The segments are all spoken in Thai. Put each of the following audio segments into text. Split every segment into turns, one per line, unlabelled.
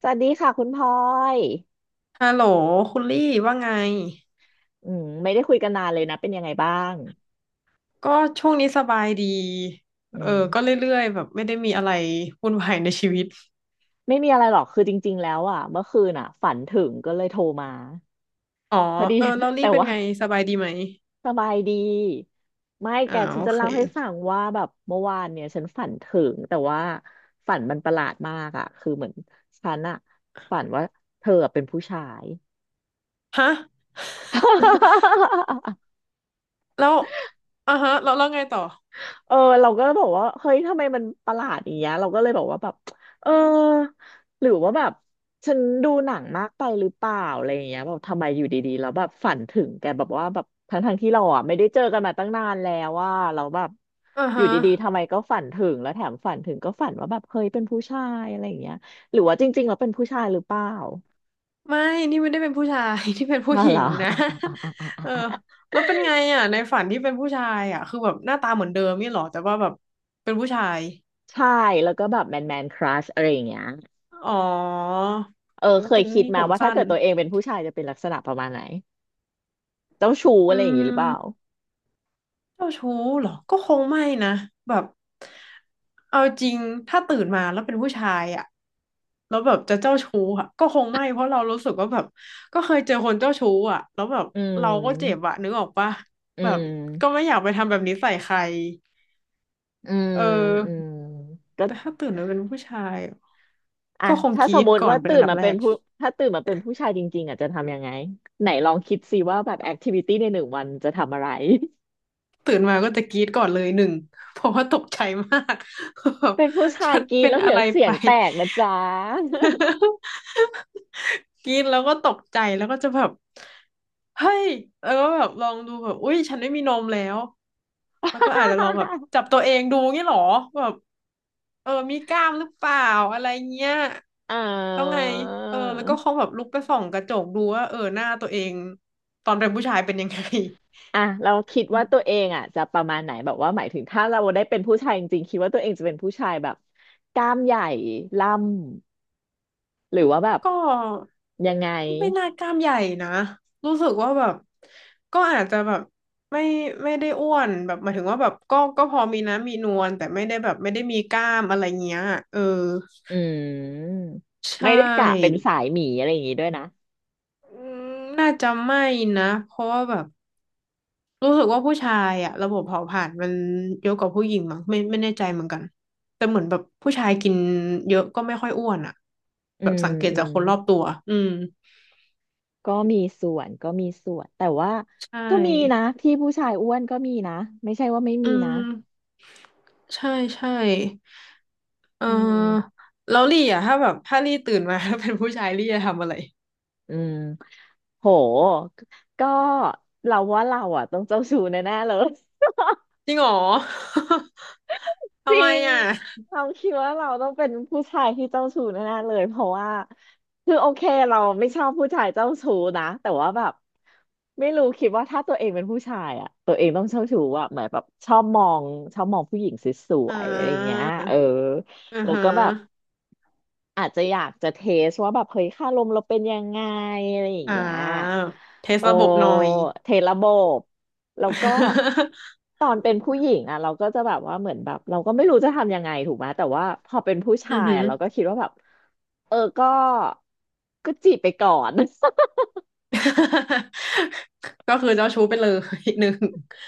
สวัสดีค่ะคุณพลอย
ฮัลโหลคุณลี่ว่าไง
ไม่ได้คุยกันนานเลยนะเป็นยังไงบ้าง
ก็ช่วงนี้สบายดี
อื
เออก็
ม
เรื่อยๆแบบไม่ได้มีอะไรวุ่นวายในชีวิต
ไม่มีอะไรหรอกคือจริงๆแล้วอ่ะเมื่อคืนอ่ะฝันถึงก็เลยโทรมา
อ๋อ
พอดี
เออแล้ว ลี่
แต่
เป็น
ว่า
ไงสบายดีไหม
สบายดีไม่แก
อ่า
ฉัน
โอ
จะ
เค
เล่าให้ฟังว่าแบบเมื่อวานเนี่ยฉันฝันถึงแต่ว่าฝันมันประหลาดมากอ่ะคือเหมือนฉันอ่ะฝันว่าเธอเป็นผู้ชาย
ฮะ แล้วแล้วไงต่อ
เออเราก็บอกว่าเฮ้ยทำไมมันประหลาดอย่างเงี้ยเราก็เลยบอกว่าแบบเออหรือว่าแบบฉันดูหนังมากไปหรือเปล่าอะไรอย่างเงี้ยแบบทำไมอยู่ดีๆแล้วแบบฝันถึงแกแบบว่าแบบทั้งทงที่เราอ่ะไม่ได้เจอกันมาตั้งนานแล้วว่าเราแล้วแบบ
อ่า
อยู่
ฮะ
ดีๆทำไมก็ฝันถึงแล้วแถมฝันถึงก็ฝันว่าแบบเฮ้ยเป็นผู้ชายอะไรอย่างเงี้ยหรือว่าจริงๆเราเป็นผู้ชายหรือเปล่า
ไม่นี่ไม่ได้เป็นผู้ชาย ที่เป็น ผู้
อะ
หญิ
ไร
งนะ เออแล้วเป็นไงอ่ะในฝันที่เป็นผู้ชายอ่ะแบบหน้าตาเหมือนเดิมนี่หรอแต่ว่าแบบเป็นผู้ชาย
ใช่แล้วก็แบบแมนแมนครัชอะไรอย่างเงี้ย
อ๋อ
เออ
โอ้
เค
เป็
ย
น
คิด
นี่
มา
ผม
ว่าถ้า
สั้น
เกิดตัวเองเป็นผู้ชายจะเป็นลักษณะประมาณไหนเจ้าชู้
อื
อะไรอย่างนี้หรือเป
ม
ล่า
เจ้าชู้เหรอก็คงไม่นะแบบเอาจริงถ้าตื่นมาแล้วเป็นผู้ชายอะแล้วแบบจะเจ้าชู้อะก็คงไม่เพราะเรารู้สึกว่าแบบก็เคยเจอคนเจ้าชู้อะแล้วแบบ
อื
เราก็เจ็บ
ม
อะนึกออกปะ
อื
แบบก็
ม
ไม่อยากไปทำแบบนี้ใส่ใคร
อืม
เออ
อืมก็
แต่ถ้าตื่นมาเป็นผู้ชายอะ
อ่ะ
ก็คง
ถ้า
ก
ส
รี๊
ม
ด
มติ
ก่อน
ว่า
เป็น
ตื่
อัน
น
ดับ
มา
แร
เป็น
ก
ผู้ถ้าตื่นมาเป็นผู้ชายจริงๆอ่ะจะทำยังไงไหนลองคิดสิว่าแบบแอคทิวิตี้ในหนึ่งวันจะทำอะไร
ตื่นมาก็จะกรี๊ดก่อนเลยหนึ่งเพราะว่าตกใจมาก แบ บ
เป็นผู้ชาย
ฉัน
กิน
เป็น
แล้ว
อะ
เดี๋ย
ไร
วเสี
ไป
ยงแตกนะจ๊ะ
กรี๊ดแล้วก็ตกใจแล้วก็จะแบบเฮ้ยแล้วก็แบบลองดูแบบอุ้ยฉันไม่มีนมแล้วแล้วก็อาจจะลองแบบจับตัวเองดูงี้เหรอแบบเออมีกล้ามหรือเปล่าอะไรเงี้ย
อ่
แล้วไง
า
เออแล้วก็คงแบบลุกไปส่องกระจกดูว่าเออหน้าตัวเองตอนเป็นผู้ชายเป็นยังไง
อ่ะเราคิดว่าตัวเองอ่ะจะประมาณไหนแบบว่าหมายถึงถ้าเราได้เป็นผู้ชายจริงๆคิดว่าตัวเองจะเป็นผู้ชายแบบกล้ามใหญ่ล่ำหรือว่าแบบ
ก็
ยังไง
ไม่น่ากล้ามใหญ่นะรู้สึกว่าแบบก็อาจจะแบบไม่ไม่ได้อ้วนแบบหมายถึงว่าแบบก็พอมีน้ำมีนวลแต่ไม่ได้แบบไม่ได้มีกล้ามอะไรเงี้ยเออ
อืม
ใช
ไม่ได้กะเป็น
่
สายหมีอะไรอย่างงี้ด้วยนะ
อืมน่าจะไม่นะเพราะว่าแบบรู้สึกว่าผู้ชายอะระบบเผาผลาญมันเยอะกว่าผู้หญิงมั้งไม่แน่ใจเหมือนกันแต่เหมือนแบบผู้ชายกินเยอะก็ไม่ค่อยอ้วนอะ
อื
แบบ
ม
สังเกต
อื
จาก
ม
คนรอบตัวอืม
ก็มีส่วนแต่ว่า
ใช
ก็มีนะ
่
ที่ผู้ชายอ้วนก็มีนะไม่ใช่ว่าไม่
อื
มีนะ
มใช่ใช่เ
อื
ออ
ม
แล้วลี่อ่ะถ้าแบบถ้าลี่ตื่นมาแล้วเป็นผู้ชายลี่จะทำอะไร
อืมโหก็เราว่าเราอ่ะต้องเจ้าชู้แน่ๆเลย
จริงเหรอ
จ
ทำ
ริ
ไม
ง
อ่ะ
เราคิดว่าเราต้องเป็นผู้ชายที่เจ้าชู้แน่ๆเลยเพราะว่าคือโอเคเราไม่ชอบผู้ชายเจ้าชู้นะแต่ว่าแบบไม่รู้คิดว่าถ้าตัวเองเป็นผู้ชายอะตัวเองต้องเจ้าชู้อะเหมือนแบบชอบมองผู้หญิงสว
อ่
ยๆอะไรอย่างเงี้
า
ยเออ
อือ
แล้ว
ฮะ
ก็แบบ อาจจะอยากจะเทสว่าแบบเฮ้ยค่าลมเราเป็นยังไงอะไรอย่าง
อ่า
เงี้ย
เทส
โอ
ระบบหน่อย
เทระบบแล้วก็ ตอนเป็นผู้หญิงอ่ะเราก็จะแบบว่าเหมือนแบบเราก็ไม่รู้จะทำยังไงถูกไหมแต่ว่าพอเป็นผู้
อื
ชา
อ
ย
หือ
อ่ะเราก็คิดว่าแบบเออก็จีบไปก่อน
ก็คือเจ้าชู้ไปเลย หนึ่ง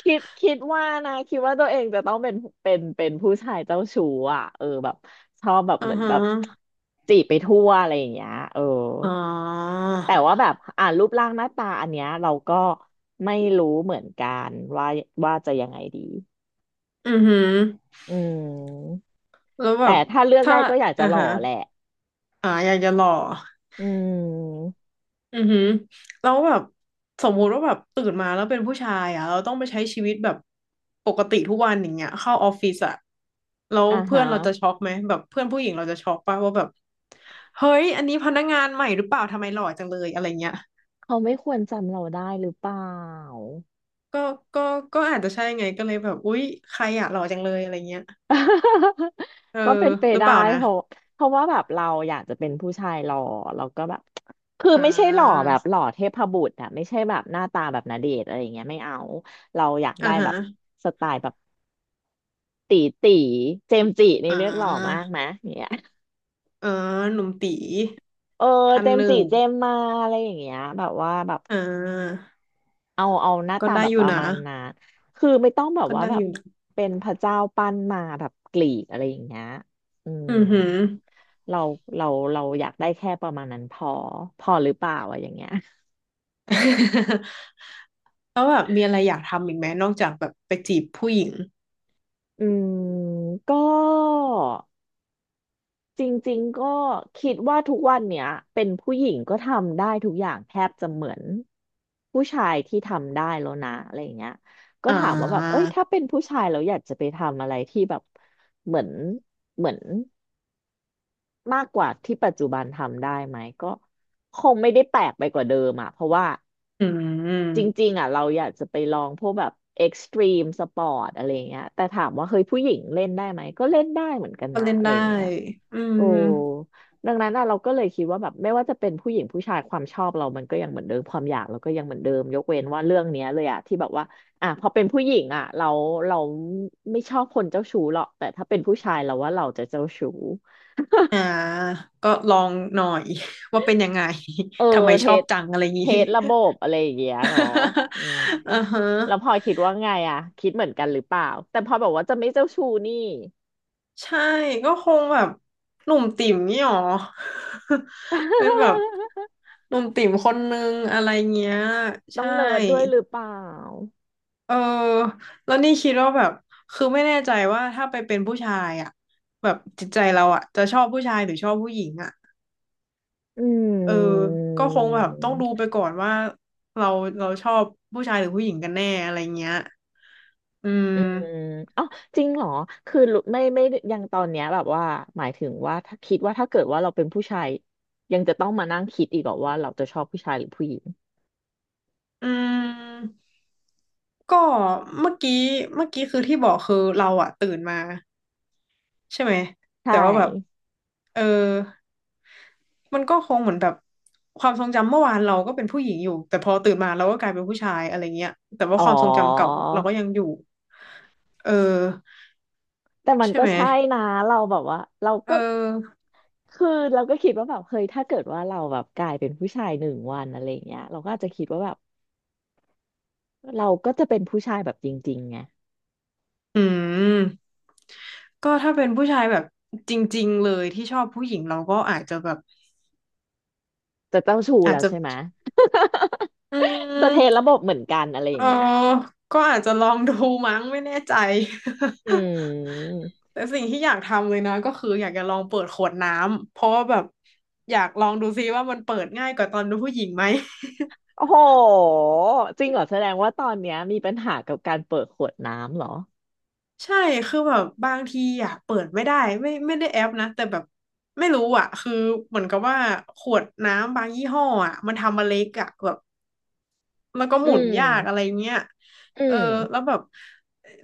คิดว่านะคิดว่าตัวเองจะต้องเป็นเป็นผู้ชายเจ้าชู้อ่ะเออแบบชอบแบบ
อื
เหมื
อ
อน
ฮะ
แบบจีบไปทั่วอะไรอย่างเงี้ยเออ
อ๋อ
แต่ว่าแบบอ่ารูปร่างหน้าตาอันเนี้ยเราก็ไม่รู้เหมือนกันว่าว่าจะยังไงดี
อือหือ
อืม
แล้วแบ
แต่
บ
ถ้าเลือก
ถ้า
ได้ก็อยากจะ
อ่า
หล่อ
ฮะ
แหละ
อ่าอยากจะหล่อ
อืม
อือหือแล้วแบบสมมุติว่าแบบตื่นมาแล้วเป็นผู้ชายอ่ะเราต้องไปใช้ชีวิตแบบปกติทุกวันอย่างเงี้ยเข้าออฟฟิศอ่ะแล้ว
อ่า
เพื่อ
ฮะ
นเราจะช็อกไหมแบบเพื่อนผู้หญิงเราจะช็อกป่ะว่าแบบเฮ้ยอันนี้พนักงานใหม่หรือเปล่าทำไมหล่อจังเลยอะไรเงี้ย
เขาไม่ควรจำเราได้หรือเปล่า
ก็ก็ก็อาจจะใช่ไงก็เลยแบบอุ๊ยใครอะหล่อจังเลยอะไรเงี้ย เออ
ก็เป็นไป
หรือ
ได้
เปล่านะ
เพราะเพราะว่าแบบเราอยากจะเป็นผู้ชายหล่อเราก็แบบคือ
อ่
ไม่ใช่หล่อ
า
แบบหล่อเทพบุตรอะไม่ใช่แบบหน้าตาแบบณเดชน์อะไรอย่างเงี้ยไม่เอาเราอยาก
อ่า
ได้แบ
ฮะ
บสไตล์แบบ ตีตีเจมส์จินี่
อ่
เรียกหล่อมา
า
กไหมเนี่ย
เออหนุ่มตี
เออ
ท่า
เจ
น
ม
ห
ส์จิ
นึ่ง
เจมส์มาอะไรอย่างเงี้ยแบบว่าแบบ
อ่า
เอาหน้า
ก็
ตา
ได้
แบบ
อ
ป
ยู่
ระ
นะ
มาณนั้นคือไม่ต้องแบบ
ก็
ว่า
ได้
แบ
อ
บ
ยู่
เป็นพระเจ้าปั้นมาแบบกรีกอะไรอย่างเงี้ยอืม
อือหือ
เราเราเราอยากได้แค่ประมาณนั้นพอพอหรือเปล่าอะอย่างเงี้ย
แล้วแบบมีอะไรอยากทำอีกไหมนอกจากแบบไปจีบผู้หญิง
อืมก็ จริงๆก็คิดว่าทุกวันเนี้ยเป็นผู้หญิงก็ทำได้ทุกอย่างแทบจะเหมือนผู้ชายที่ทำได้แล้วนะอะไรอย่างเงี้ยก็
อ่
ถามว่าแบบเอ้
า
ยถ้าเป็นผู้ชายเราอยากจะไปทำอะไรที่แบบเหมือนเหมือนมากกว่าที่ปัจจุบันทำได้ไหมก็คงไม่ได้แปลกไปกว่าเดิมอ่ะเพราะว่า
อื
จ
ม
ริงๆอ่ะเราอยากจะไปลองพวกแบบเอ็กซ์ตรีมสปอร์ตอะไรอย่างเงี้ยแต่ถามว่าเฮ้ยผู้หญิงเล่นได้ไหมก็เล่นได้เหมือนกัน
ก็
นะ
เล่น
อะไร
ได้
อย่างเงี้ย
อื
โอ้
ม
ดังนั้นอะเราก็เลยคิดว่าแบบไม่ว่าจะเป็นผู้หญิงผู้ชายความชอบเรามันก็ยังเหมือนเดิมความอยากเราก็ยังเหมือนเดิมยกเว้นว่าเรื่องเนี้ยเลยอะที่แบบว่าอ่ะพอเป็นผู้หญิงอะเราไม่ชอบคนเจ้าชู้หรอกแต่ถ้าเป็นผู้ชายเราว่าเราจะเจ้าชู้
อ่า ก็ลองหน่อย ว่าเป็นยังไง
เออ
ทำไม
เท
ชอบ
ส
จังอะไรอย่าง
เท
งี้
สระบบอะไรอย่างเงี้ยเนาะอืม
อือฮะ
แล้วพลอยคิดว่าไงอะคิดเหมือนกันหรือเปล่าแต่พลอยบอกว่าจะไม่เจ้าชู้นี่
ใช่ ก็คงแบบหนุ่มติ่มนี่หรอ เป็นแบบ หนุ่มติ่มคนนึงอะไรเงี้ย
ต้อง
ใช่
เนิร์ดด้วยหรือเปล่า
เออแล้วนี่คิดว่าแบบคือไม่แน่ใจว่าถ้าไปเป็นผู้ชายอ่ะแบบจิตใจเราอ่ะจะชอบผู้ชายหรือชอบผู้หญิงอ่ะ
อื
เออ
ม
ก็คงแบบต้องดูไปก่อนว่าเราเราชอบผู้ชายหรือผู้หญิงกันแน่อะไรเงี้ยอื
อืม
ม
อ๋อจริงเหรอคือรู้ไม่ยังตอนเนี้ยแบบว่าหมายถึงว่าถ้าคิดว่าถ้าเกิดว่าเราเป็นผู้ชายยังจะต้องมานั่งคิดอีกเหรอว่าเราจะชอบผู้ชายหรือผู้หญิง
อืมก็เมื่อกี้เมื่อกี้คือที่บอกคือเราอ่ะตื่นมาใช่ไหม
ใช่
แต่ว่าแบบเออ มันก็คงเหมือนแบบความทรงจำเมื่อวานเราก็เป็นผู้หญิงอยู่แต่พอตื่นมาเราก็กลายเป็นผู้ชายอะไรเงี้ยแต่ว่า
อ๋อ
ความทรงจำเก่าเราก็ยังอยู่เออ
แต่มัน
ใช่
ก็
ไหม
ใช่นะเราแบบว่าเรา
เ
ก็
ออ
คือเราก็คิดว่าแบบเฮ้ยถ้าเกิดว่าเราแบบกลายเป็นผู้ชายหนึ่งวันอะไรอย่างเงี้ยเราก็อาจจะคิดว่าแบบเราก็จะเป็นผู้ชายแบบจริงๆไง
อืมก็ถ้าเป็นผู้ชายแบบจริงๆเลยที่ชอบผู้หญิงเราก็อาจจะแบบ
จะเจ้าชู้
อาจ
แล้ว
จะ
ใช่ไหมะ
อื
จะ
ม
เทระบบเหมือนกันอะไรอ
เอ
ย่า
อ
งเงี้ย
ก็อาจจะลองดูมั้งไม่แน่ใจ
อืม
แต่สิ่งที่อยากทำเลยนะก็คืออยากจะลองเปิดขวดน้ำเพราะว่าแบบอยากลองดูซิว่ามันเปิดง่ายกว่าตอนดูผู้หญิงไหม
โอ้โหจริงเหรอแสดงว่าตอนเนี้ยมีปัญหากับการเปิดขวดน้ำเหรอ
ใช่คือแบบบางทีอะเปิดไม่ได้ไม่ได้แอปนะแต่แบบไม่รู้อะคือเหมือนกับว่าขวดน้ำบางยี่ห้ออะมันทำมาเล็กอะแบบแล้วก็ห
อื
มุน
ม
ยากอะไรเงี้ย
อื
เออ
ม
แล้วแบบ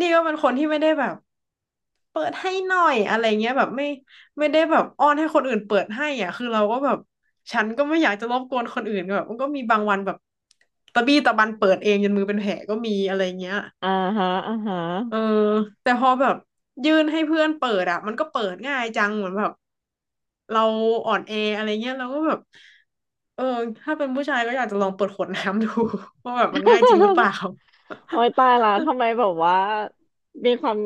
นี่ก็เป็นคนที่ไม่ได้แบบ เปิดให้หน่อยอะไรเงี้ยแบบไม่ได้แบบอ้อนให้คนอื่นเปิดให้อ่ะคือเราก็แบบฉันก็ไม่อยากจะรบกวนคนอื่นแบบมันก็มีบางวันแบบตะบี้ตะบันเปิดเองจนมือเป็นแผลก็มีอะไรเงี้ย
อ่าฮะอ่าฮะ
เออแต่พอแบบยื่นให้เพื่อนเปิดอ่ะมันก็เปิดง่ายจังเหมือนแบบเราอ่อนแออะไรเงี้ยเราก็แบบเออถ้าเป็นผู้ชายก็อยากจะลองเปิดขวดน้ำดู ว่าแบบมันง่ายจริงหรือเป ล่า
โอ้ยตายละทำไมแบบว่ามีความ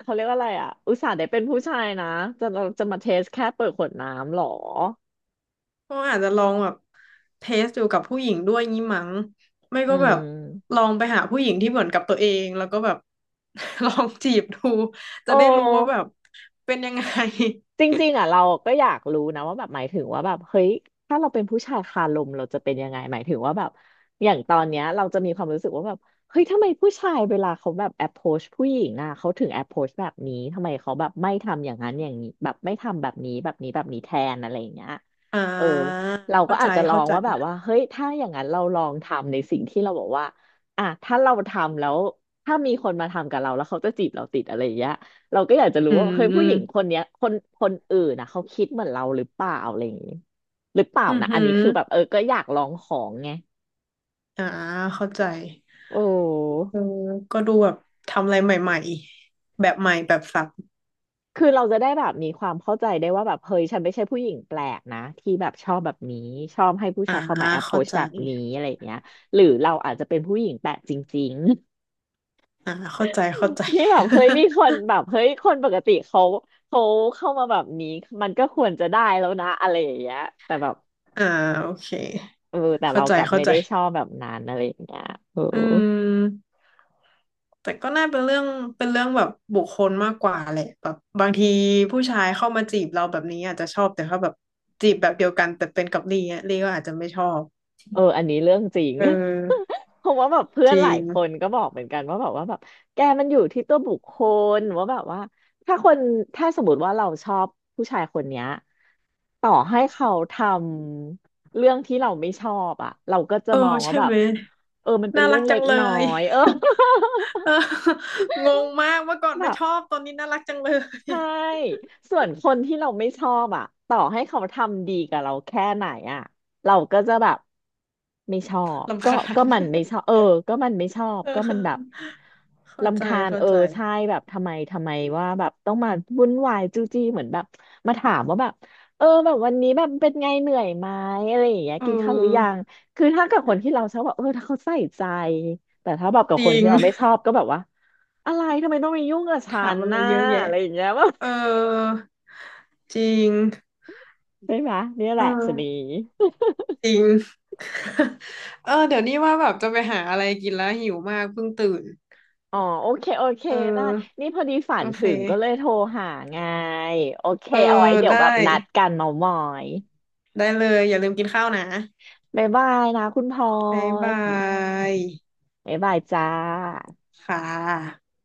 เขาเรียกว่าอะไรอ่ะอุตส่าห์ได้เป็นผู้ชายนะจะจะมาเทสแค่เปิดขวดน้ำเหรอ
ก็อาจจะลองแบบเทสอยู่กับผู้หญิงด้วยงี้มั้งไม่
อื
ก็แบบ
ม
ลองไปหาผู้หญิงที่เหมือนกับตัวเองแล้วก็แบบ ลองจีบดู
โอ
จะได้รู้ว่าแบ
้
บเป็นยังไง
จริงๆอ่ะเราก็อยากรู้นะว่าแบบหมายถึงว่าแบบเฮ้ยถ้าเราเป็นผู้ชายคาลมเราจะเป็นยังไงหมายถึงว่าแบบอย่างตอนเนี้ยเราจะมีความรู้สึกว่าแบบเฮ้ยทำไมผู้ชายเวลาเขาแบบ approach ผู้หญิงอ่ะเขาถึง approach แบบนี้ทำไมเขาแบบไม่ทำอย่างนั้นอย่างนี้แบบไม่ทำแบบนี้แบบนี้แบบนี้แทนอะไรอย่างเงี้ย
อ่
เออ
า
เราก็อาจจะลอ
เข้า
ง
ใจ
ว่าแบบว่าเฮ้ยถ้าอย่างนั้นเราลองทำในสิ่งที่เราบอกว่าอ่ะถ้าเราทำแล้วถ้ามีคนมาทำกับเราแล้วเขาจะจีบเราติดอะไรอย่างเงี้ย เราก็อยากจะรู้
อื
ว่าเฮ้ยผู้หญิงค
ม
นเนี้ยคนอื่นนะเขาคิดเหมือนเราหรือเปล่าอะไรอย่างนี้หรือเปล่า
อือ
นะ
หื
อันนี้
อ
คือแบบเออก็อยากลองของไง
อ่าเข้าใจ
โอ้
เออก็ดูแบบทำอะไรใหม่ๆแบบใหม่แบบสับ
คือเราจะได้แบบมีความเข้าใจได้ว่าแบบเฮ้ยฉันไม่ใช่ผู้หญิงแปลกนะที่แบบชอบแบบนี้ชอบให้ผู้
อ่า
ชายเข้ามา
เข้า
approach
ใจ
แบบนี้อะไรอย่างเงี้ยหรือเราอาจจะเป็นผู้หญิงแปลกจริงๆ
เข้าใจเข้าใจ
ที่แบบเฮ้ยมีคนแบบเฮ้ยคนปกติเขาเข้ามาแบบนี้มันก็ควรจะได้แล้วนะอะไรอย่างเงี้ยแต่แบบ
อ่าโอเค
เออแต่เรากลับ
เข้า
ไม่
ใจ
ได้ชอบแบบนั้นอะไรอย่างเงี้ยเออ
อืม แต่ก็น่าเป็นเรื่องเป็นเรื่องแบบบุคคลมากกว่าแหละแบบบางทีผู้ชายเข้ามาจีบเราแบบนี้อาจจะชอบแต่เขาแบบจีบแบบเดียวกันแต่เป็นกับลีอน่ยลีก็อาจจะไม่ชอบ
เอออันนี้เรื่องจริง
เออ
เพราะว่าแบบเพื่อ
จ
นห
ริ
ลาย
ง
คนก็บอกเหมือนกันว่าแบบว่าแบบแกมันอยู่ที่ตัวบุคคลว่าแบบว่าถ้าคนถ้าสมมติว่าเราชอบผู้ชายคนเนี้ยต่อให้เขาทำเรื่องที่เราไม่ชอบอ่ะเราก็จะ
เออ
มองว่า
ใช่
แบบ
ไหม
เออมันเป็น
น่า
เรื่
รั
อง
ก
เล็
จัง
ก
เล
น้อ
ย
ย เออ
เอองงมากเมื่อก่อน
แบ
ไม่
บ
ชอบตอนนี้น่ารักจังเลย
ใช่ส่วนคนที่เราไม่ชอบอ่ะต่อให้เขาทำดีกับเราแค่ไหนอ่ะเราก็จะแบบไม่ชอบ
รำ
ก็
คา
ก็
ญ
มันไม่ชอบเออก็มันไม่ชอบ
เอ
ก็มั
อ
นแบบรำคาญ
เข้า
เออ
ใจ
ใช่แบบทำไมว่าแบบต้องมาวุ่นวายจู้จี้เหมือนแบบมาถามว่าแบบเออแบบวันนี้แบบเป็นไงเหนื่อยไหมอะไรอย่างเงี้ย
เ
กินข้าวหรือยั
ออ
งคือถ้ากับคนที่เราชอบแบบเออถ้าเขาใส่ใจแต่ถ้าแบบกับ
จ
คน
ริง
ที่เราไม่ชอบก็แบบว่าอะไรทำไมต้องมายุ่งกับ ฉั
ถาม
น
อะไร
น่ะ
เยอะแยะ
อะไรอย่างเงี้ย ว่า
เออจริง
ใช่ไหมเนี่ยแห
เออ
ละชะนี
จริง เออเดี๋ยวนี้ว่าแบบจะไปหาอะไรกินแล้วหิวมากเพิ่งตื่น
อ๋อโอเค
เออ
ได้นี่พอดีฝั
โอ
น
เค
ถึงก็เลยโทรหาไงโอเค
เออ
เอาไว้เดี๋ยว
ได้
แบบนัดกันเมามอย
ได้เลยอย่าลืมกินข้าวนะ
บ๊ายบายนะคุณพล
บ๊ายบา
อย
ย
บ๊ายบายจ้า
ค่ะ